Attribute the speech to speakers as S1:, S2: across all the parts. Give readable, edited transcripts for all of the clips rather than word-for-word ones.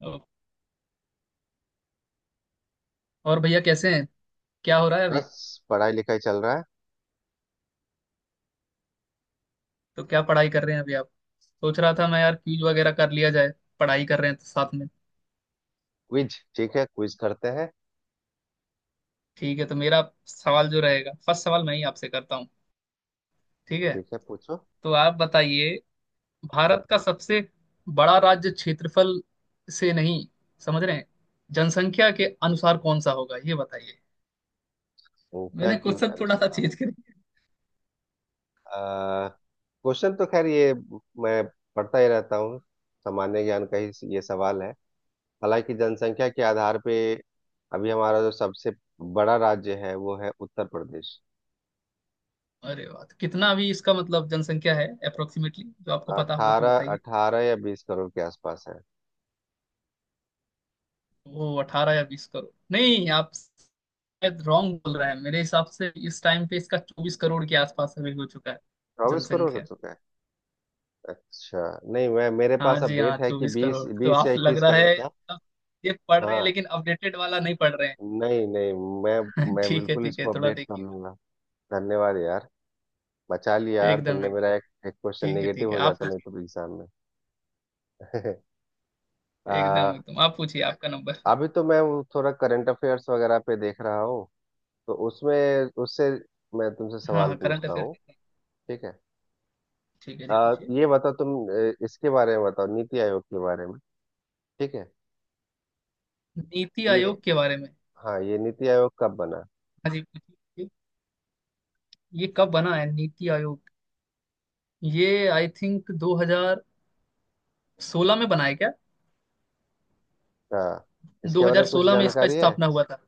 S1: ओ, और भैया कैसे हैं? क्या हो रहा है अभी?
S2: बस पढ़ाई लिखाई चल रहा है।
S1: तो क्या पढ़ाई कर रहे हैं अभी आप? सोच रहा था मैं, यार क्यूज वगैरह कर लिया जाए, पढ़ाई कर रहे हैं तो साथ में।
S2: क्विज ठीक है। क्विज करते हैं।
S1: ठीक है, तो मेरा सवाल जो रहेगा, फर्स्ट सवाल मैं ही आपसे करता हूँ, ठीक है?
S2: ठीक है, पूछो।
S1: तो आप बताइए, भारत का सबसे बड़ा राज्य क्षेत्रफल से नहीं, समझ रहे हैं, जनसंख्या के अनुसार कौन सा होगा ये बताइए।
S2: वो क्या
S1: मैंने
S2: क्यों
S1: क्वेश्चन थोड़ा सा
S2: अनुसार।
S1: चेंज कर दिया।
S2: क्वेश्चन तो खैर, ये मैं पढ़ता ही रहता हूँ, सामान्य ज्ञान का ही ये सवाल है। हालांकि जनसंख्या के आधार पे अभी हमारा जो सबसे बड़ा राज्य है, वो है उत्तर प्रदेश।
S1: अरे वाह, तो कितना भी इसका मतलब जनसंख्या है अप्रोक्सीमेटली जो आपको पता होगा तो
S2: अठारह
S1: बताइए।
S2: अठारह या बीस करोड़ के आसपास है।
S1: वो अठारह या बीस करोड़ नहीं, आप शायद रॉन्ग बोल रहे हैं, मेरे हिसाब से इस टाइम पे इसका चौबीस करोड़ के आसपास अभी हो चुका है।
S2: 24 करोड़ हो
S1: जनसंख्या।
S2: चुका है? अच्छा। नहीं, मैं मेरे
S1: हाँ
S2: पास
S1: जी हाँ,
S2: अपडेट है कि
S1: चौबीस करोड़
S2: बीस
S1: तो
S2: बीस या
S1: आप, लग
S2: इक्कीस
S1: रहा
S2: करोड़
S1: है
S2: था।
S1: आप ये पढ़ रहे हैं
S2: हाँ।
S1: लेकिन अपडेटेड वाला नहीं पढ़ रहे हैं।
S2: नहीं नहीं। मैं मैं
S1: ठीक है
S2: बिल्कुल
S1: ठीक है,
S2: इसको
S1: थोड़ा
S2: अपडेट कर
S1: देखिए।
S2: लूंगा। धन्यवाद यार। बचा लिया यार
S1: एकदम
S2: तुमने।
S1: एकदम।
S2: मेरा एक एक क्वेश्चन
S1: ठीक है
S2: नेगेटिव
S1: ठीक है,
S2: हो
S1: आप
S2: जाता नहीं
S1: पूछिए।
S2: तो एग्जाम में। आ,
S1: एकदम एकदम आप पूछिए, आपका नंबर।
S2: अभी तो मैं वो थोड़ा करंट अफेयर्स वगैरह पे देख रहा हूँ। तो उसमें उससे मैं तुमसे
S1: हाँ
S2: सवाल
S1: हाँ, करंट
S2: पूछता
S1: अफेयर।
S2: हूँ। ठीक है।
S1: ठीक है जी, पूछिए।
S2: ये बताओ तुम, इसके बारे में बताओ, नीति आयोग के बारे में। ठीक है,
S1: नीति
S2: ये।
S1: आयोग के बारे में।
S2: हाँ, ये नीति आयोग कब बना?
S1: हाँ जी पूछिए। ये कब बना है नीति आयोग? ये आई थिंक 2016 में बना है क्या?
S2: हाँ इसके बारे में कुछ
S1: 2016 में इसका
S2: जानकारी है?
S1: स्थापना हुआ था।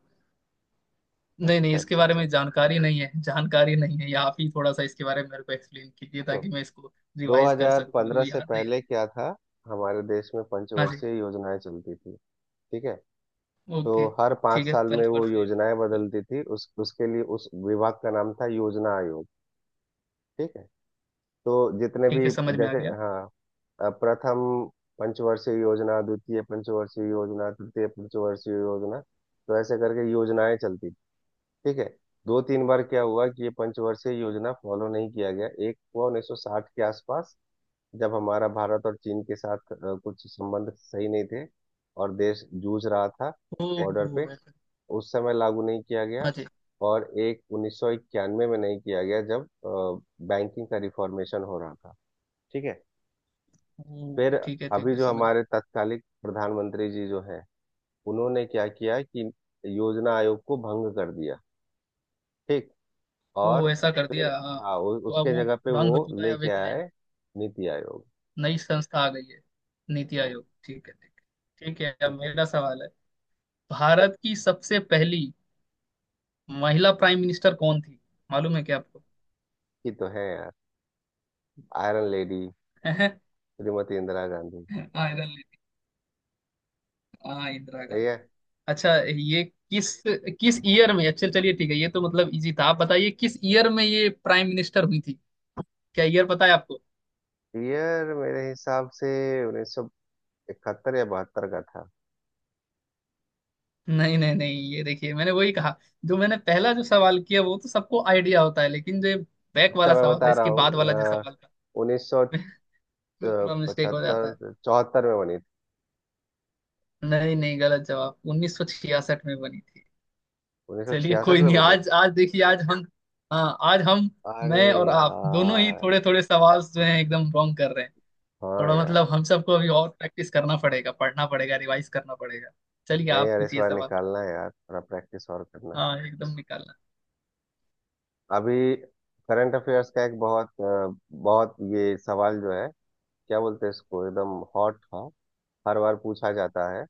S1: नहीं नहीं,
S2: अच्छा
S1: इसके
S2: अच्छा
S1: बारे
S2: अच्छा।
S1: में जानकारी नहीं है, जानकारी नहीं है, आप ही थोड़ा सा इसके बारे में मेरे को एक्सप्लेन कीजिए ताकि मैं इसको रिवाइज कर सकूं, मेरे
S2: 2015
S1: को
S2: से
S1: याद नहीं है।
S2: पहले क्या था? हमारे देश में
S1: हाँ जी।
S2: पंचवर्षीय योजनाएं चलती थी। ठीक है। तो
S1: ओके।
S2: हर पाँच
S1: ठीक है,
S2: साल में वो
S1: पंचवर्षीय
S2: योजनाएं
S1: मिशन।
S2: बदलती थी। उस उसके लिए उस विभाग का नाम था योजना आयोग। ठीक है। तो जितने
S1: ठीक
S2: भी,
S1: है, समझ में आ
S2: जैसे,
S1: गया।
S2: हाँ, प्रथम पंचवर्षीय योजना, द्वितीय पंचवर्षीय योजना, तृतीय पंचवर्षीय योजना, तो ऐसे करके योजनाएं चलती थी। ठीक है। दो तीन बार क्या हुआ कि ये पंचवर्षीय योजना फॉलो नहीं किया गया। एक हुआ 1960 के आसपास, जब हमारा भारत और चीन के साथ कुछ संबंध सही नहीं थे और देश जूझ रहा था
S1: ओ
S2: बॉर्डर पे।
S1: ऐसा।
S2: उस समय लागू नहीं किया गया।
S1: हाँ जी।
S2: और एक 1991 में नहीं किया गया, जब बैंकिंग का रिफॉर्मेशन हो रहा था। ठीक है।
S1: ओ
S2: फिर
S1: ठीक है ठीक
S2: अभी
S1: है,
S2: जो
S1: समझ में।
S2: हमारे तत्कालिक प्रधानमंत्री जी जो है, उन्होंने क्या किया कि योजना आयोग को भंग कर दिया। ठीक। और
S1: ओ ऐसा कर दिया,
S2: फिर
S1: हाँ।
S2: हाँ,
S1: तो अब
S2: उसके
S1: वो
S2: जगह पे
S1: भंग हो
S2: वो
S1: चुका है, अब
S2: लेके
S1: एक नया,
S2: आए नीति आयोग।
S1: नई संस्था आ गई है। नीति
S2: हम्म।
S1: आयोग, ठीक है ठीक है, ठीक है, अब
S2: ठीक है।
S1: मेरा सवाल है। भारत की सबसे पहली महिला प्राइम मिनिस्टर कौन थी, मालूम है क्या आपको?
S2: ये तो है यार। Iron lady Shrimati Indira Gandhi.
S1: हाँ, हाँ इंदिरा गांधी।
S2: ये
S1: अच्छा, ये किस किस ईयर में, अच्छा चलिए ठीक है, ये तो मतलब इजी था। आप बताइए किस ईयर में ये प्राइम मिनिस्टर हुई थी? क्या ईयर पता है आपको?
S2: ईयर मेरे हिसाब से 1971 या 72 का था।
S1: नहीं नहीं नहीं, ये देखिए, मैंने वही कहा, जो मैंने पहला जो सवाल किया वो तो सबको आइडिया होता है, लेकिन जो बैक
S2: अच्छा,
S1: वाला
S2: मैं
S1: सवाल था,
S2: बता रहा
S1: इसके बाद वाला जो
S2: हूँ,
S1: सवाल था।
S2: उन्नीस सौ
S1: बिल्कुल मिस्टेक हो जाता है।
S2: पचहत्तर 74 में बनी थी।
S1: नहीं नहीं, गलत जवाब, 1966 में बनी थी।
S2: उन्नीस सौ
S1: चलिए कोई
S2: छियासठ में
S1: नहीं,
S2: बनी थी।
S1: आज आज देखिए, आज हम, हाँ, आज हम,
S2: अरे
S1: मैं और आप दोनों ही
S2: यार।
S1: थोड़े थोड़े सवाल जो हैं एकदम रॉन्ग कर रहे हैं।
S2: हाँ
S1: थोड़ा
S2: यार।
S1: मतलब हम सबको अभी और प्रैक्टिस करना पड़ेगा, पढ़ना पड़ेगा, रिवाइज करना पड़ेगा। चलिए
S2: नहीं
S1: आप
S2: यार, इस
S1: पूछिए
S2: बार
S1: सवाल।
S2: निकालना है यार, थोड़ा प्रैक्टिस और करना है।
S1: हाँ एकदम, निकालना।
S2: अभी करंट अफेयर्स का एक बहुत ये सवाल जो है, क्या बोलते हैं इसको, एकदम हॉट था, हर बार पूछा जाता है।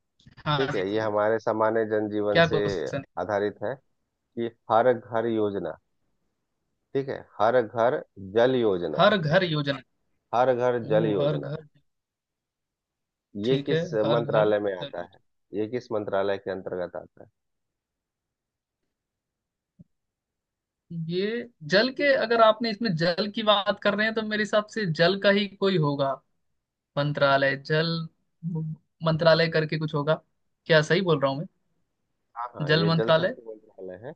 S1: हाँ
S2: ठीक
S1: जी
S2: है। ये
S1: बोलिए,
S2: हमारे सामान्य जनजीवन
S1: क्या
S2: से
S1: क्वेश्चन है?
S2: आधारित है कि हर घर योजना, ठीक है, हर घर जल योजना।
S1: हर घर योजना।
S2: हर घर जल
S1: ओ हर
S2: योजना
S1: घर।
S2: ये
S1: ठीक है,
S2: किस
S1: हर घर
S2: मंत्रालय में
S1: जल
S2: आता है?
S1: योजना।
S2: ये किस मंत्रालय के अंतर्गत आता है?
S1: ये जल के, अगर आपने इसमें जल की बात कर रहे हैं तो मेरे हिसाब से जल का ही कोई होगा, मंत्रालय जल, मंत्रालय करके कुछ होगा, क्या सही बोल रहा हूँ मैं?
S2: हाँ हाँ,
S1: जल
S2: ये जल
S1: मंत्रालय।
S2: शक्ति मंत्रालय है।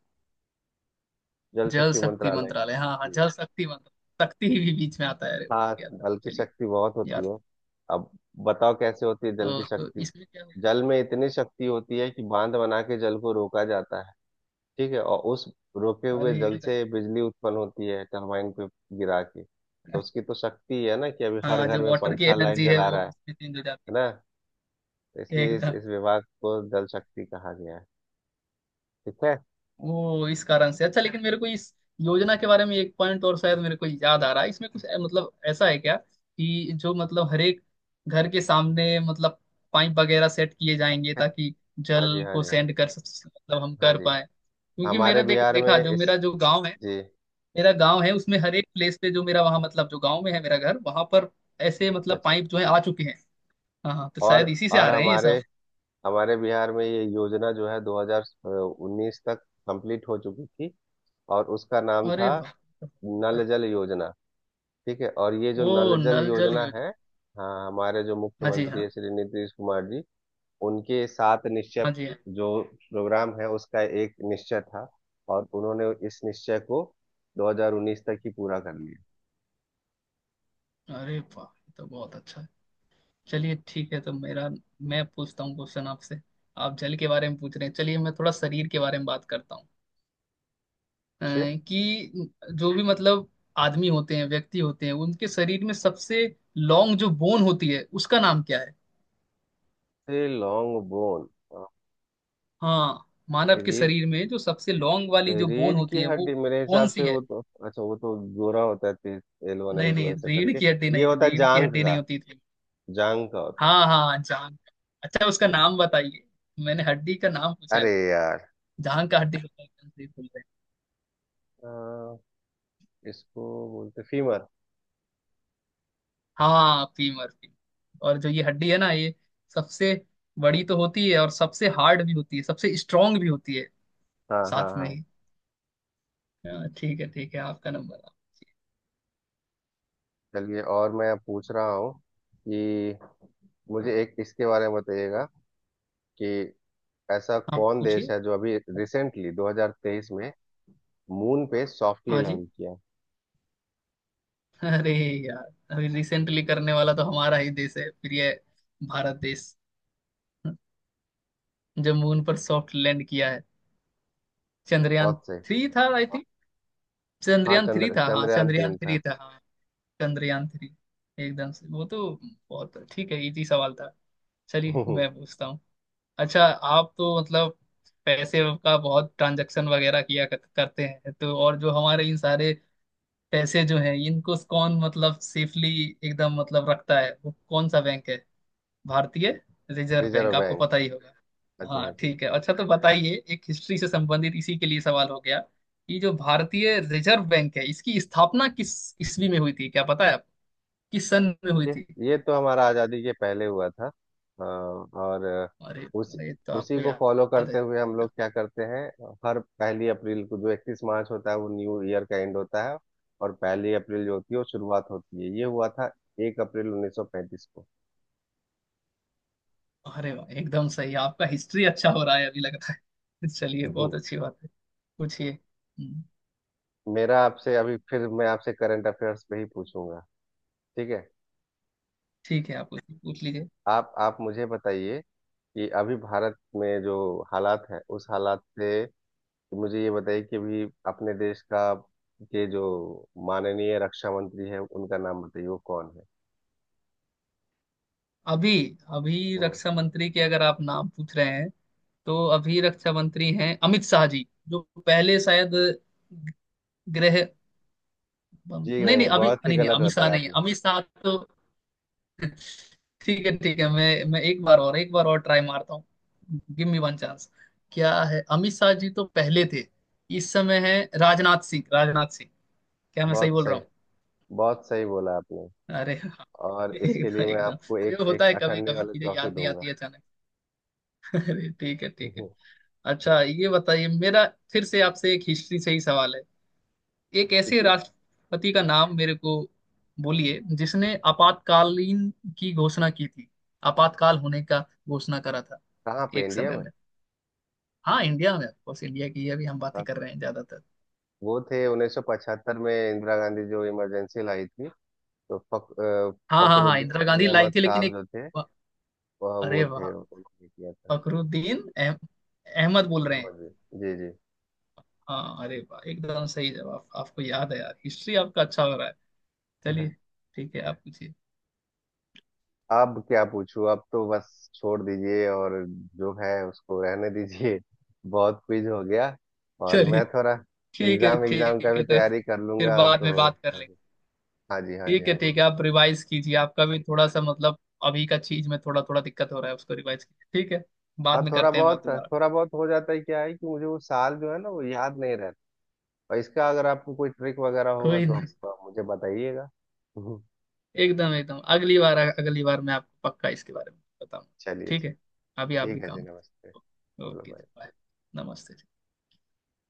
S2: जल
S1: जल
S2: शक्ति
S1: शक्ति
S2: मंत्रालय
S1: मंत्रालय, हाँ हाँ,
S2: के-
S1: जल शक्ति मंत्रालय। शक्ति ही भी बीच में आता है, अरे
S2: हाँ,
S1: क्या था,
S2: जल की
S1: चलिए।
S2: शक्ति बहुत होती
S1: यार।
S2: है। अब बताओ, कैसे होती है जल की
S1: ओ, तो
S2: शक्ति।
S1: इसमें क्या होगा?
S2: जल में इतनी शक्ति होती है कि बांध बना के जल को रोका जाता है। ठीक है। और उस रोके हुए
S1: अरे
S2: जल
S1: एकदम।
S2: से बिजली उत्पन्न होती है, टरबाइन पे गिरा के। तो उसकी तो शक्ति है ना, कि अभी हर
S1: हाँ,
S2: घर
S1: जो
S2: में
S1: वाटर की
S2: पंखा लाइट
S1: एनर्जी है
S2: जला
S1: वो
S2: रहा है।
S1: इसमें चेंज हो जाती
S2: है ना? तो
S1: है
S2: इसलिए
S1: एकदम।
S2: इस विभाग को जल शक्ति कहा गया है। ठीक है।
S1: वो इस कारण से, अच्छा लेकिन मेरे को इस योजना के बारे में एक पॉइंट और शायद मेरे को याद आ रहा है, इसमें कुछ मतलब, ऐसा है क्या कि जो मतलब हर एक घर के सामने मतलब पाइप वगैरह सेट किए जाएंगे ताकि
S2: हाँ जी,
S1: जल
S2: हाँ
S1: को
S2: जी, हाँ जी।
S1: सेंड कर मतलब हम
S2: हाँ
S1: कर
S2: जी।
S1: पाए, क्योंकि मेरा
S2: हमारे
S1: देख
S2: बिहार में
S1: देखा जो,
S2: इस,
S1: मेरा जो गांव है,
S2: जी।
S1: मेरा गांव है उसमें हर एक प्लेस पे जो मेरा वहाँ मतलब, जो गांव में है मेरा घर, वहां पर ऐसे
S2: अच्छा
S1: मतलब
S2: अच्छा।
S1: पाइप जो है आ चुके हैं। हाँ हाँ, तो
S2: और
S1: शायद इसी से आ रहे हैं ये
S2: हमारे
S1: सब।
S2: हमारे बिहार में ये योजना जो है 2019 तक कंप्लीट हो चुकी थी। और उसका नाम
S1: अरे
S2: था
S1: वाह।
S2: नल जल योजना। ठीक है। और ये जो
S1: ओ
S2: नल जल
S1: नल जल
S2: योजना
S1: योजना।
S2: है, हाँ, हमारे जो
S1: हाँ जी
S2: मुख्यमंत्री
S1: हाँ,
S2: है श्री नीतीश कुमार जी, उनके सात निश्चय
S1: हाँ जी हाँ।
S2: जो प्रोग्राम है उसका एक निश्चय था। और उन्होंने इस निश्चय को 2019 तक ही पूरा कर लिया।
S1: अरे वाह, ये तो बहुत अच्छा है। चलिए ठीक है, तो मेरा मैं पूछता हूँ क्वेश्चन आपसे। आप जल के बारे में पूछ रहे हैं, चलिए मैं थोड़ा शरीर के बारे में बात करता हूँ। अ,
S2: छे।
S1: कि जो भी मतलब आदमी होते हैं, व्यक्ति होते हैं, उनके शरीर में सबसे लॉन्ग जो बोन होती है उसका नाम क्या है?
S2: से लॉन्ग बोन।
S1: हाँ। मानव के
S2: रीढ़।
S1: शरीर में जो सबसे लॉन्ग वाली जो बोन
S2: रीढ़
S1: होती
S2: की
S1: है वो
S2: हड्डी मेरे
S1: कौन
S2: हिसाब
S1: सी
S2: से। वो
S1: है?
S2: तो, अच्छा, वो तो गोरा होता है, तीस, एल वन
S1: नहीं
S2: एल टू
S1: नहीं,
S2: ऐसे
S1: रीढ़
S2: करके।
S1: की हड्डी
S2: ये
S1: नहीं,
S2: होता है
S1: रीढ़ की
S2: जांघ
S1: हड्डी नहीं
S2: का।
S1: होती थी।
S2: जांघ का होता है।
S1: हाँ हाँ, जान अच्छा उसका नाम बताइए, मैंने हड्डी का नाम पूछा है,
S2: अरे यार।
S1: जहाँ का हड्डी, खुल रही, खुल रही।
S2: अ, इसको बोलते फीमर।
S1: हाँ फीमर, फीमर, और जो ये हड्डी है ना, ये सबसे बड़ी तो होती है और सबसे हार्ड भी होती है, सबसे स्ट्रांग भी होती है
S2: हाँ हाँ
S1: साथ में
S2: हाँ।
S1: ही। हाँ, ठीक है ठीक है, आपका नंबर।
S2: चलिए, और मैं पूछ रहा हूँ कि मुझे एक इसके बारे में बताइएगा कि ऐसा
S1: आप
S2: कौन देश
S1: पूछिए।
S2: है जो अभी रिसेंटली 2023 में मून पे सॉफ्टली
S1: हाँ जी।
S2: लैंड किया?
S1: अरे यार, अभी रिसेंटली करने वाला तो हमारा ही देश है, प्रिय भारत देश, जो मून पर सॉफ्ट लैंड किया है। चंद्रयान
S2: अर्थ से।
S1: थ्री था आई थिंक,
S2: हाँ,
S1: चंद्रयान थ्री था, हाँ,
S2: चंद्रयान
S1: चंद्रयान
S2: तीन
S1: थ्री
S2: था।
S1: था, हाँ। चंद्रयान थ्री एकदम से, वो तो बहुत ठीक है, इजी सवाल था, चलिए मैं पूछता हूँ। अच्छा, आप तो मतलब पैसे का बहुत ट्रांजैक्शन वगैरह किया करते हैं तो, और जो हमारे इन सारे पैसे जो हैं इनको कौन मतलब सेफली एकदम मतलब रखता है, वो कौन सा बैंक है? भारतीय रिजर्व बैंक,
S2: रिजर्व
S1: आपको
S2: बैंक।
S1: पता ही होगा।
S2: हाँ जी,
S1: हाँ
S2: हाँ जी।
S1: ठीक है, अच्छा तो बताइए, एक हिस्ट्री से संबंधित इसी के लिए सवाल हो गया कि जो भारतीय रिजर्व बैंक है इसकी स्थापना किस ईस्वी में हुई थी, क्या पता है आपको, किस सन में हुई
S2: ये
S1: थी?
S2: ये तो हमारा आज़ादी के पहले हुआ था, और
S1: अरे
S2: उसी
S1: ये तो
S2: उसी
S1: आपको
S2: को फॉलो
S1: याद
S2: करते
S1: है।
S2: हुए हम लोग क्या करते हैं, हर पहली अप्रैल को जो 31 मार्च होता है वो न्यू ईयर का एंड होता है, और पहली अप्रैल जो होती है वो शुरुआत होती है। ये हुआ था एक अप्रैल 1935 को।
S1: अरे वाह, एकदम सही, आपका हिस्ट्री अच्छा हो रहा है अभी, लगता है। चलिए
S2: हम्म।
S1: बहुत अच्छी बात है। पूछिए। हम्म।
S2: मेरा आपसे अभी फिर मैं आपसे करंट अफेयर्स पे ही पूछूंगा। ठीक है।
S1: ठीक है, आप पूछ पूछ लीजिए।
S2: आप मुझे बताइए कि अभी भारत में जो हालात है उस हालात से, तो मुझे ये बताइए कि अभी अपने देश का के जो माननीय रक्षा मंत्री है उनका नाम बताइए, वो कौन है?
S1: अभी। अभी
S2: हम्म।
S1: रक्षा मंत्री के, अगर आप नाम पूछ रहे हैं तो अभी रक्षा मंत्री हैं अमित शाह जी, जो पहले शायद गृह,
S2: जी
S1: नहीं नहीं,
S2: नहीं,
S1: अभी
S2: बहुत ही
S1: नहीं नहीं,
S2: गलत
S1: अमित शाह
S2: बताया
S1: नहीं है,
S2: आपने।
S1: अमित शाह तो, ठीक है ठीक है, मैं एक बार और, एक बार और ट्राई मारता हूँ, गिव मी वन चांस। क्या है, अमित शाह जी तो पहले थे, इस समय है राजनाथ सिंह, राजनाथ सिंह। क्या मैं सही
S2: बहुत
S1: बोल रहा
S2: सही।
S1: हूँ?
S2: बहुत सही बोला आपने।
S1: अरे हाँ,
S2: और इसके
S1: एकदम
S2: लिए मैं
S1: एकदम,
S2: आपको
S1: अरे
S2: एक
S1: वो
S2: एक
S1: होता है, कभी
S2: अठन्नी
S1: कभी
S2: वाली
S1: चीजें
S2: ट्रॉफी
S1: याद नहीं
S2: दूंगा।
S1: आती अचानक। अरे ठीक है ठीक है। अच्छा, ये बताइए, मेरा फिर से आपसे एक हिस्ट्री से ही सवाल है। एक ऐसे
S2: पूछिए।
S1: राष्ट्रपति का नाम मेरे को बोलिए जिसने आपातकालीन की घोषणा की थी, आपातकाल होने का घोषणा करा था,
S2: कहाँ पे,
S1: एक
S2: इंडिया
S1: समय
S2: में?
S1: में। हाँ इंडिया में, ऑफकोर्स, इंडिया की अभी हम बातें
S2: हाँ।
S1: कर रहे हैं ज्यादातर।
S2: वो थे 1975 में, इंदिरा गांधी जो इमरजेंसी लाई थी तो
S1: हाँ हाँ हाँ,
S2: फखरुद्दीन
S1: इंदिरा
S2: अली
S1: गांधी लाई
S2: अहमद
S1: थी लेकिन
S2: साहब
S1: एक,
S2: जो थे,
S1: वाह,
S2: वह
S1: अरे
S2: वो थे,
S1: वाह,
S2: उन्होंने किया था।
S1: फखरुद्दीन अहमद बोल रहे हैं।
S2: समझ गए। जी जी।
S1: हाँ अरे वाह, एकदम सही जवाब, आपको याद है यार, हिस्ट्री आपका अच्छा हो रहा है, चलिए। ठीक है आप पूछिए।
S2: अब क्या पूछूं। अब तो बस छोड़ दीजिए और जो है उसको रहने दीजिए। बहुत क्विज हो गया। और
S1: चलिए
S2: मैं थोड़ा
S1: ठीक है
S2: एग्जाम एग्जाम का
S1: ठीक है,
S2: भी
S1: तो
S2: तैयारी कर
S1: फिर
S2: लूंगा
S1: बाद
S2: तो।
S1: में बात कर लेंगे।
S2: हाँ जी, हाँ जी,
S1: ठीक है
S2: हाँ
S1: ठीक
S2: जी।
S1: है, आप रिवाइज कीजिए, आपका भी थोड़ा सा मतलब अभी का चीज में थोड़ा थोड़ा दिक्कत हो रहा है, उसको रिवाइज कीजिए ठीक है,
S2: हाँ
S1: बाद में
S2: थोड़ा
S1: करते हैं बात
S2: बहुत,
S1: दोबारा।
S2: थोड़ा बहुत हो जाता है। क्या है कि मुझे वो साल जो है ना वो याद नहीं रहता। और इसका अगर आपको कोई ट्रिक वगैरह होगा
S1: कोई
S2: तो
S1: नहीं,
S2: आप मुझे बताइएगा। हम्म।
S1: एकदम एकदम, अगली बार मैं आपको पक्का इसके बारे में बताऊंगा।
S2: चलिए
S1: ठीक
S2: जी।
S1: है, अभी आप भी
S2: ठीक है जी।
S1: काम
S2: नमस्ते।
S1: कीजिए,
S2: चलो
S1: ओके
S2: बाय।
S1: बाय। नमस्ते।